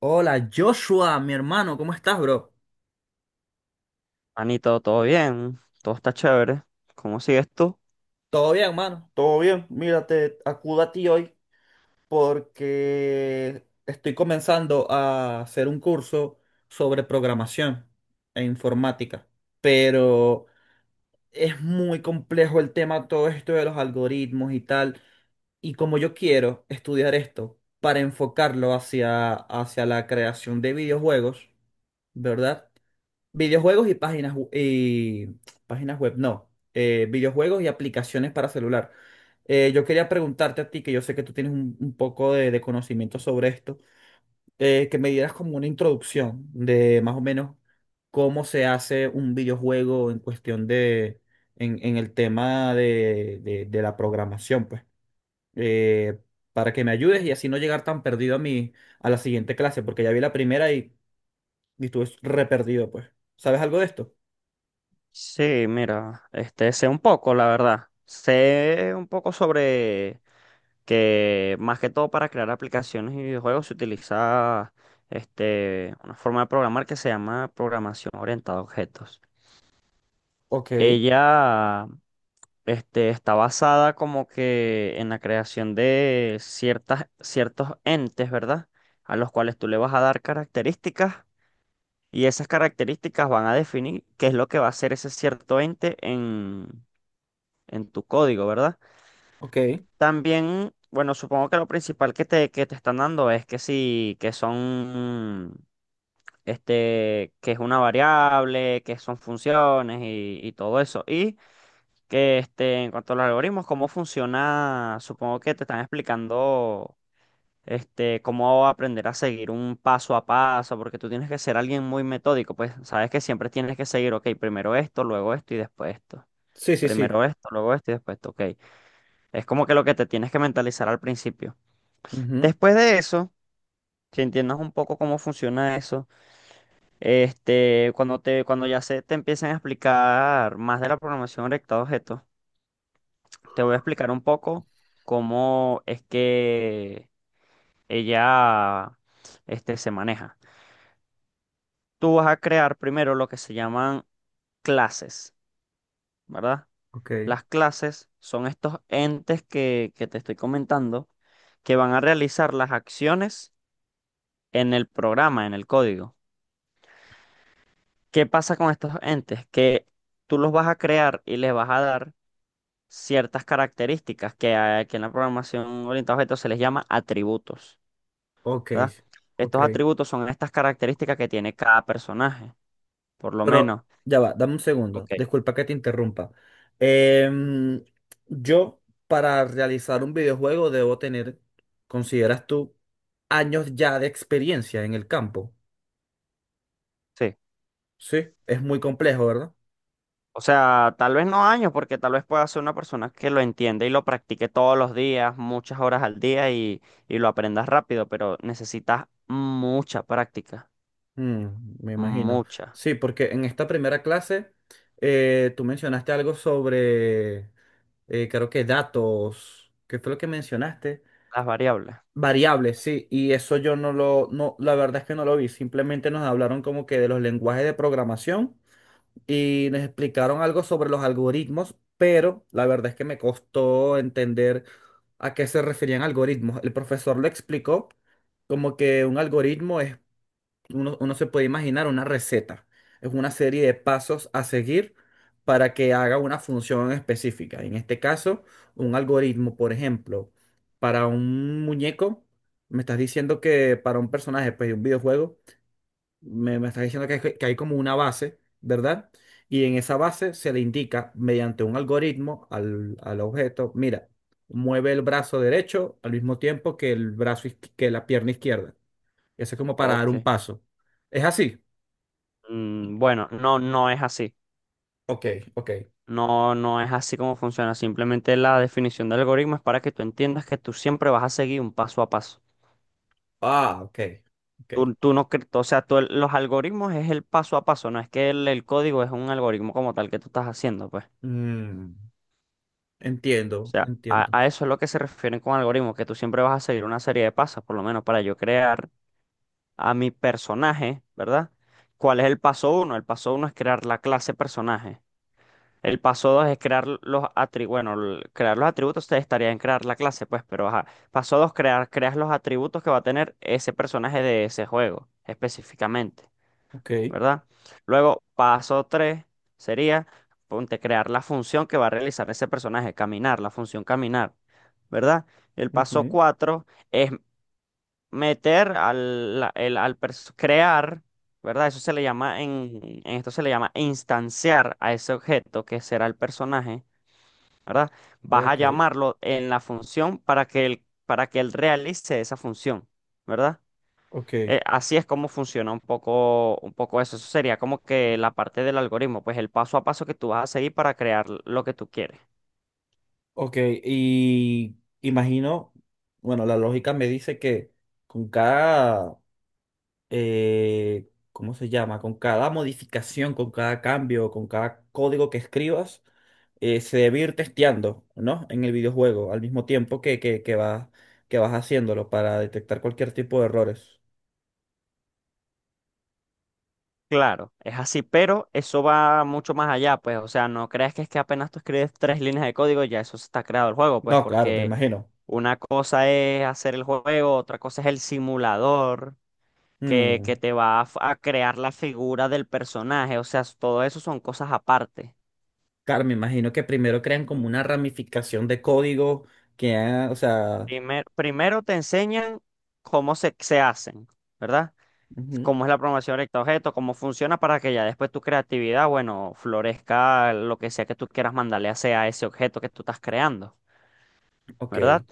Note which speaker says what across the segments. Speaker 1: Hola, Joshua, mi hermano, ¿cómo estás, bro?
Speaker 2: Anito, todo bien, todo está chévere. ¿Cómo sigues tú?
Speaker 1: ¿Todo bien, hermano? Todo bien, mira, te acudo a ti hoy porque estoy comenzando a hacer un curso sobre programación e informática, pero es muy complejo el tema, todo esto de los algoritmos y tal, y como yo quiero estudiar esto para enfocarlo hacia la creación de videojuegos, ¿verdad? Videojuegos y páginas, y páginas web, no. Videojuegos y aplicaciones para celular. Yo quería preguntarte a ti, que yo sé que tú tienes un poco de conocimiento sobre esto, que me dieras como una introducción de más o menos cómo se hace un videojuego en cuestión de, en el tema de de la programación, pues. Eh, para que me ayudes y así no llegar tan perdido a la siguiente clase, porque ya vi la primera y estuve re perdido, pues. ¿Sabes algo de esto?
Speaker 2: Sí, mira, sé un poco, la verdad. Sé un poco sobre que más que todo para crear aplicaciones y videojuegos se utiliza una forma de programar que se llama programación orientada a objetos.
Speaker 1: Ok,
Speaker 2: Ella, está basada como que en la creación de ciertas ciertos entes, ¿verdad? A los cuales tú le vas a dar características. Y esas características van a definir qué es lo que va a hacer ese cierto ente en tu código, ¿verdad?
Speaker 1: ok.
Speaker 2: También, bueno, supongo que lo principal que te están dando es que sí, que son, que es una variable, que son funciones y todo eso. Y que, este, en cuanto a los algoritmos, cómo funciona, supongo que te están explicando cómo aprender a seguir un paso a paso, porque tú tienes que ser alguien muy metódico, pues sabes que siempre tienes que seguir, ok, primero esto, luego esto y después esto.
Speaker 1: Sí, sí, sí.
Speaker 2: Primero esto, luego esto y después esto, ok. Es como que lo que te tienes que mentalizar al principio.
Speaker 1: Ujú,
Speaker 2: Después de eso, que entiendas un poco cómo funciona eso, cuando ya se te empiecen a explicar más de la programación orientada a objetos, te voy a explicar un poco cómo es que ella, se maneja. Tú vas a crear primero lo que se llaman clases, ¿verdad?
Speaker 1: ok,
Speaker 2: Las clases son estos entes que te estoy comentando, que van a realizar las acciones en el programa, en el código. ¿Qué pasa con estos entes? Que tú los vas a crear y les vas a dar ciertas características, que aquí en la programación orientada a objetos se les llama atributos,
Speaker 1: ok,
Speaker 2: ¿verdad?
Speaker 1: ok.
Speaker 2: Estos atributos son estas características que tiene cada personaje, por lo
Speaker 1: Pero
Speaker 2: menos.
Speaker 1: ya va, dame un segundo.
Speaker 2: Ok.
Speaker 1: Disculpa que te interrumpa. Em, yo, para realizar un videojuego, debo tener, ¿consideras tú, años ya de experiencia en el campo?
Speaker 2: Sí.
Speaker 1: Sí, es muy complejo, ¿verdad?
Speaker 2: O sea, tal vez no años, porque tal vez pueda ser una persona que lo entienda y lo practique todos los días, muchas horas al día y lo aprendas rápido, pero necesitas mucha práctica,
Speaker 1: Mm, me imagino.
Speaker 2: mucha.
Speaker 1: Sí, porque en esta primera clase tú mencionaste algo sobre, creo que datos. ¿Qué fue lo que mencionaste?
Speaker 2: Las variables.
Speaker 1: Variables, sí, y eso yo no lo, no, la verdad es que no lo vi, simplemente nos hablaron como que de los lenguajes de programación y nos explicaron algo sobre los algoritmos, pero la verdad es que me costó entender a qué se referían algoritmos. El profesor lo explicó como que un algoritmo es uno se puede imaginar una receta. Es una serie de pasos a seguir para que haga una función específica. En este caso, un algoritmo, por ejemplo, para un muñeco, me estás diciendo que para un personaje, pues, de un videojuego, me estás diciendo que, que hay como una base, ¿verdad? Y en esa base se le indica mediante un algoritmo al objeto, mira, mueve el brazo derecho al mismo tiempo que el brazo, que la pierna izquierda. Eso es como para dar
Speaker 2: Ok.
Speaker 1: un paso. ¿Es así?
Speaker 2: Mm, bueno, no, no es así.
Speaker 1: Ok, ok.
Speaker 2: No, no es así como funciona. Simplemente la definición de algoritmo es para que tú entiendas que tú siempre vas a seguir un paso a paso.
Speaker 1: Ah, ok, ok.
Speaker 2: Tú no, cre- o sea, tú los algoritmos es el paso a paso, no es que el código es un algoritmo como tal que tú estás haciendo, pues.
Speaker 1: Mm,
Speaker 2: O
Speaker 1: entiendo,
Speaker 2: sea, a,
Speaker 1: entiendo.
Speaker 2: a eso es lo que se refieren con algoritmo, que tú siempre vas a seguir una serie de pasos, por lo menos para yo crear a mi personaje, ¿verdad? ¿Cuál es el paso uno? El paso uno es crear la clase personaje. El paso dos es crear los atributos. Bueno, el- crear los atributos ustedes estarían en crear la clase, pues, pero ajá. Paso dos, crear, creas los atributos que va a tener ese personaje de ese juego, específicamente.
Speaker 1: Ok,
Speaker 2: ¿Verdad? Luego, paso 3 sería, ponte, crear la función que va a realizar ese personaje, caminar, la función caminar, ¿verdad? El paso
Speaker 1: ujú,
Speaker 2: 4 es meter al, la- el- al pers- crear, ¿verdad? Eso se le llama, en esto se le llama instanciar a ese objeto que será el personaje, ¿verdad? Vas a
Speaker 1: ok,
Speaker 2: llamarlo en la función para que él realice esa función, ¿verdad?
Speaker 1: ok,
Speaker 2: Así es como funciona un poco eso. Eso sería como que la parte del algoritmo, pues el paso a paso que tú vas a seguir para crear lo que tú quieres.
Speaker 1: ok. Y imagino, bueno, la lógica me dice que con cada ¿cómo se llama? Con cada modificación, con cada cambio, con cada código que escribas, se debe ir testeando, ¿no? En el videojuego, al mismo tiempo que, que vas, que vas haciéndolo para detectar cualquier tipo de errores.
Speaker 2: Claro, es así, pero eso va mucho más allá, pues, o sea, no creas que es que apenas tú escribes tres líneas de código, ya eso está creado el juego, pues,
Speaker 1: No, claro, me
Speaker 2: porque
Speaker 1: imagino.
Speaker 2: una cosa es hacer el juego, otra cosa es el simulador que
Speaker 1: Mm,
Speaker 2: te va a, f- a crear la figura del personaje, o sea, s- todo eso son cosas aparte.
Speaker 1: claro, me imagino que primero crean como una ramificación de código que, ah, o sea,
Speaker 2: Primer- primero te enseñan cómo se, se hacen, ¿verdad?
Speaker 1: ujú,
Speaker 2: Cómo es la programación recta objeto, cómo funciona, para que ya después tu creatividad, bueno, florezca lo que sea que tú quieras mandarle hacia a ese objeto que tú estás creando,
Speaker 1: ok.
Speaker 2: ¿verdad?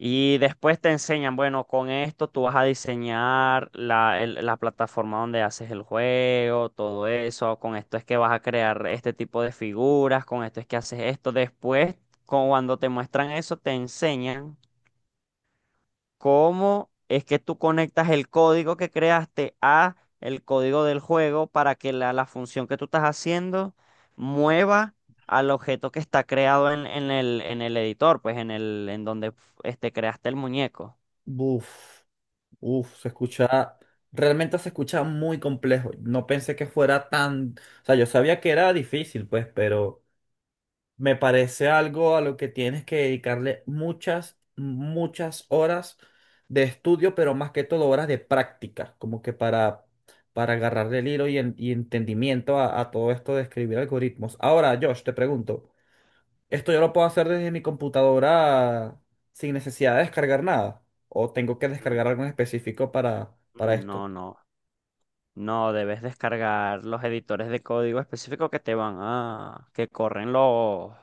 Speaker 2: Y después te enseñan, bueno, con esto tú vas a diseñar la, el- la plataforma donde haces el juego, todo eso, con esto es que vas a crear este tipo de figuras, con esto es que haces esto. Después, cuando te muestran eso, te enseñan cómo es que tú conectas el código que creaste a el código del juego para que la función que tú estás haciendo mueva al objeto que está creado en el editor, pues en el, en donde creaste el muñeco.
Speaker 1: Buf. Uf, se escucha, realmente se escucha muy complejo. No pensé que fuera tan, o sea, yo sabía que era difícil, pues, pero me parece algo a lo que tienes que dedicarle muchas, muchas horas de estudio, pero más que todo horas de práctica, como que para agarrarle el hilo y, y entendimiento a todo esto de escribir algoritmos. Ahora, Josh, te pregunto. Esto yo lo puedo hacer desde mi computadora sin necesidad de descargar nada. O tengo que
Speaker 2: Mm.
Speaker 1: descargar algo en específico para esto.
Speaker 2: No, no, no, debes descargar los editores de código específico que te van a, que corren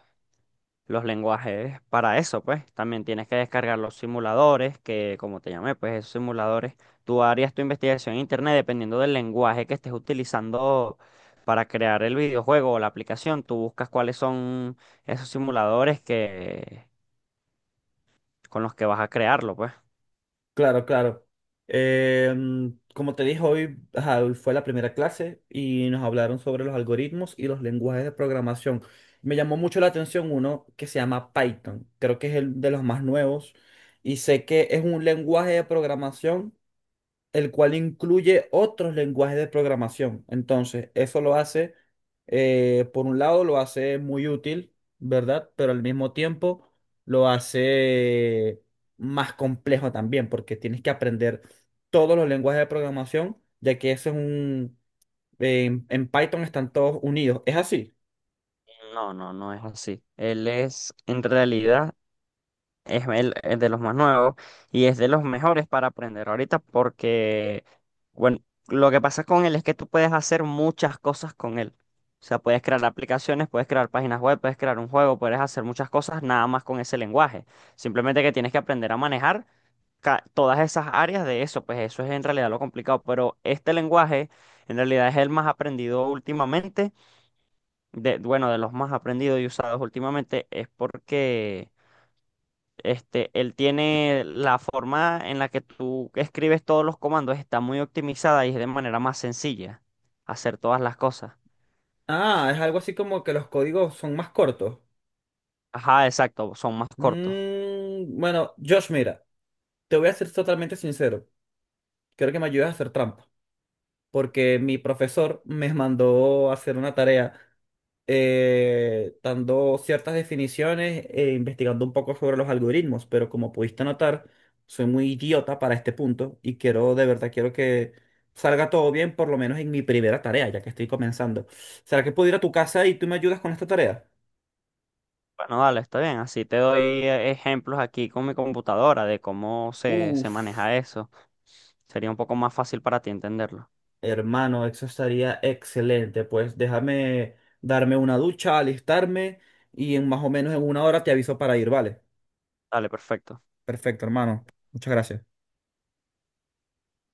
Speaker 2: los lenguajes para eso, pues. También tienes que descargar los simuladores, que como te llamé, pues esos simuladores, tú harías tu investigación en internet dependiendo del lenguaje que estés utilizando para crear el videojuego o la aplicación. Tú buscas cuáles son esos simuladores que con los que vas a crearlo, pues.
Speaker 1: Claro, claro. Como te dije, hoy, ajá, hoy fue la primera clase y nos hablaron sobre los algoritmos y los lenguajes de programación. Me llamó mucho la atención uno que se llama Python. Creo que es el de los más nuevos. Y sé que es un lenguaje de programación el cual incluye otros lenguajes de programación. Entonces, eso lo hace, por un lado, lo hace muy útil, ¿verdad? Pero al mismo tiempo lo hace más complejo también, porque tienes que aprender todos los lenguajes de programación, ya que eso es un... en Python están todos unidos. Es así.
Speaker 2: No, no, no es así. Él es, en realidad, es, el- es de los más nuevos y es de los mejores para aprender ahorita, porque, bueno, lo que pasa con él es que tú puedes hacer muchas cosas con él. O sea, puedes crear aplicaciones, puedes crear páginas web, puedes crear un juego, puedes hacer muchas cosas nada más con ese lenguaje. Simplemente que tienes que aprender a manejar ca- todas esas áreas de eso, pues eso es en realidad lo complicado. Pero este lenguaje en realidad es el más aprendido últimamente, de, bueno, de los más aprendidos y usados últimamente, es porque… él tiene la forma en la que tú escribes todos los comandos, está muy optimizada y es de manera más sencilla hacer todas las cosas.
Speaker 1: Ah, es algo así como que los códigos son más cortos.
Speaker 2: Ajá, exacto, son más cortos.
Speaker 1: Mm, bueno, Josh, mira, te voy a ser totalmente sincero. Creo que me ayudas a hacer trampa, porque mi profesor me mandó a hacer una tarea, dando ciertas definiciones e investigando un poco sobre los algoritmos, pero como pudiste notar, soy muy idiota para este punto y quiero, de verdad, quiero que salga todo bien, por lo menos en mi primera tarea, ya que estoy comenzando. ¿Será que puedo ir a tu casa y tú me ayudas con esta tarea?
Speaker 2: Bueno, dale, está bien. Así te doy, ejemplos aquí con mi computadora de cómo se, se
Speaker 1: Uf,
Speaker 2: maneja eso. Sería un poco más fácil para ti entenderlo.
Speaker 1: hermano, eso estaría excelente. Pues déjame darme una ducha, alistarme y en más o menos en una hora te aviso para ir, ¿vale?
Speaker 2: Dale, perfecto.
Speaker 1: Perfecto, hermano. Muchas gracias.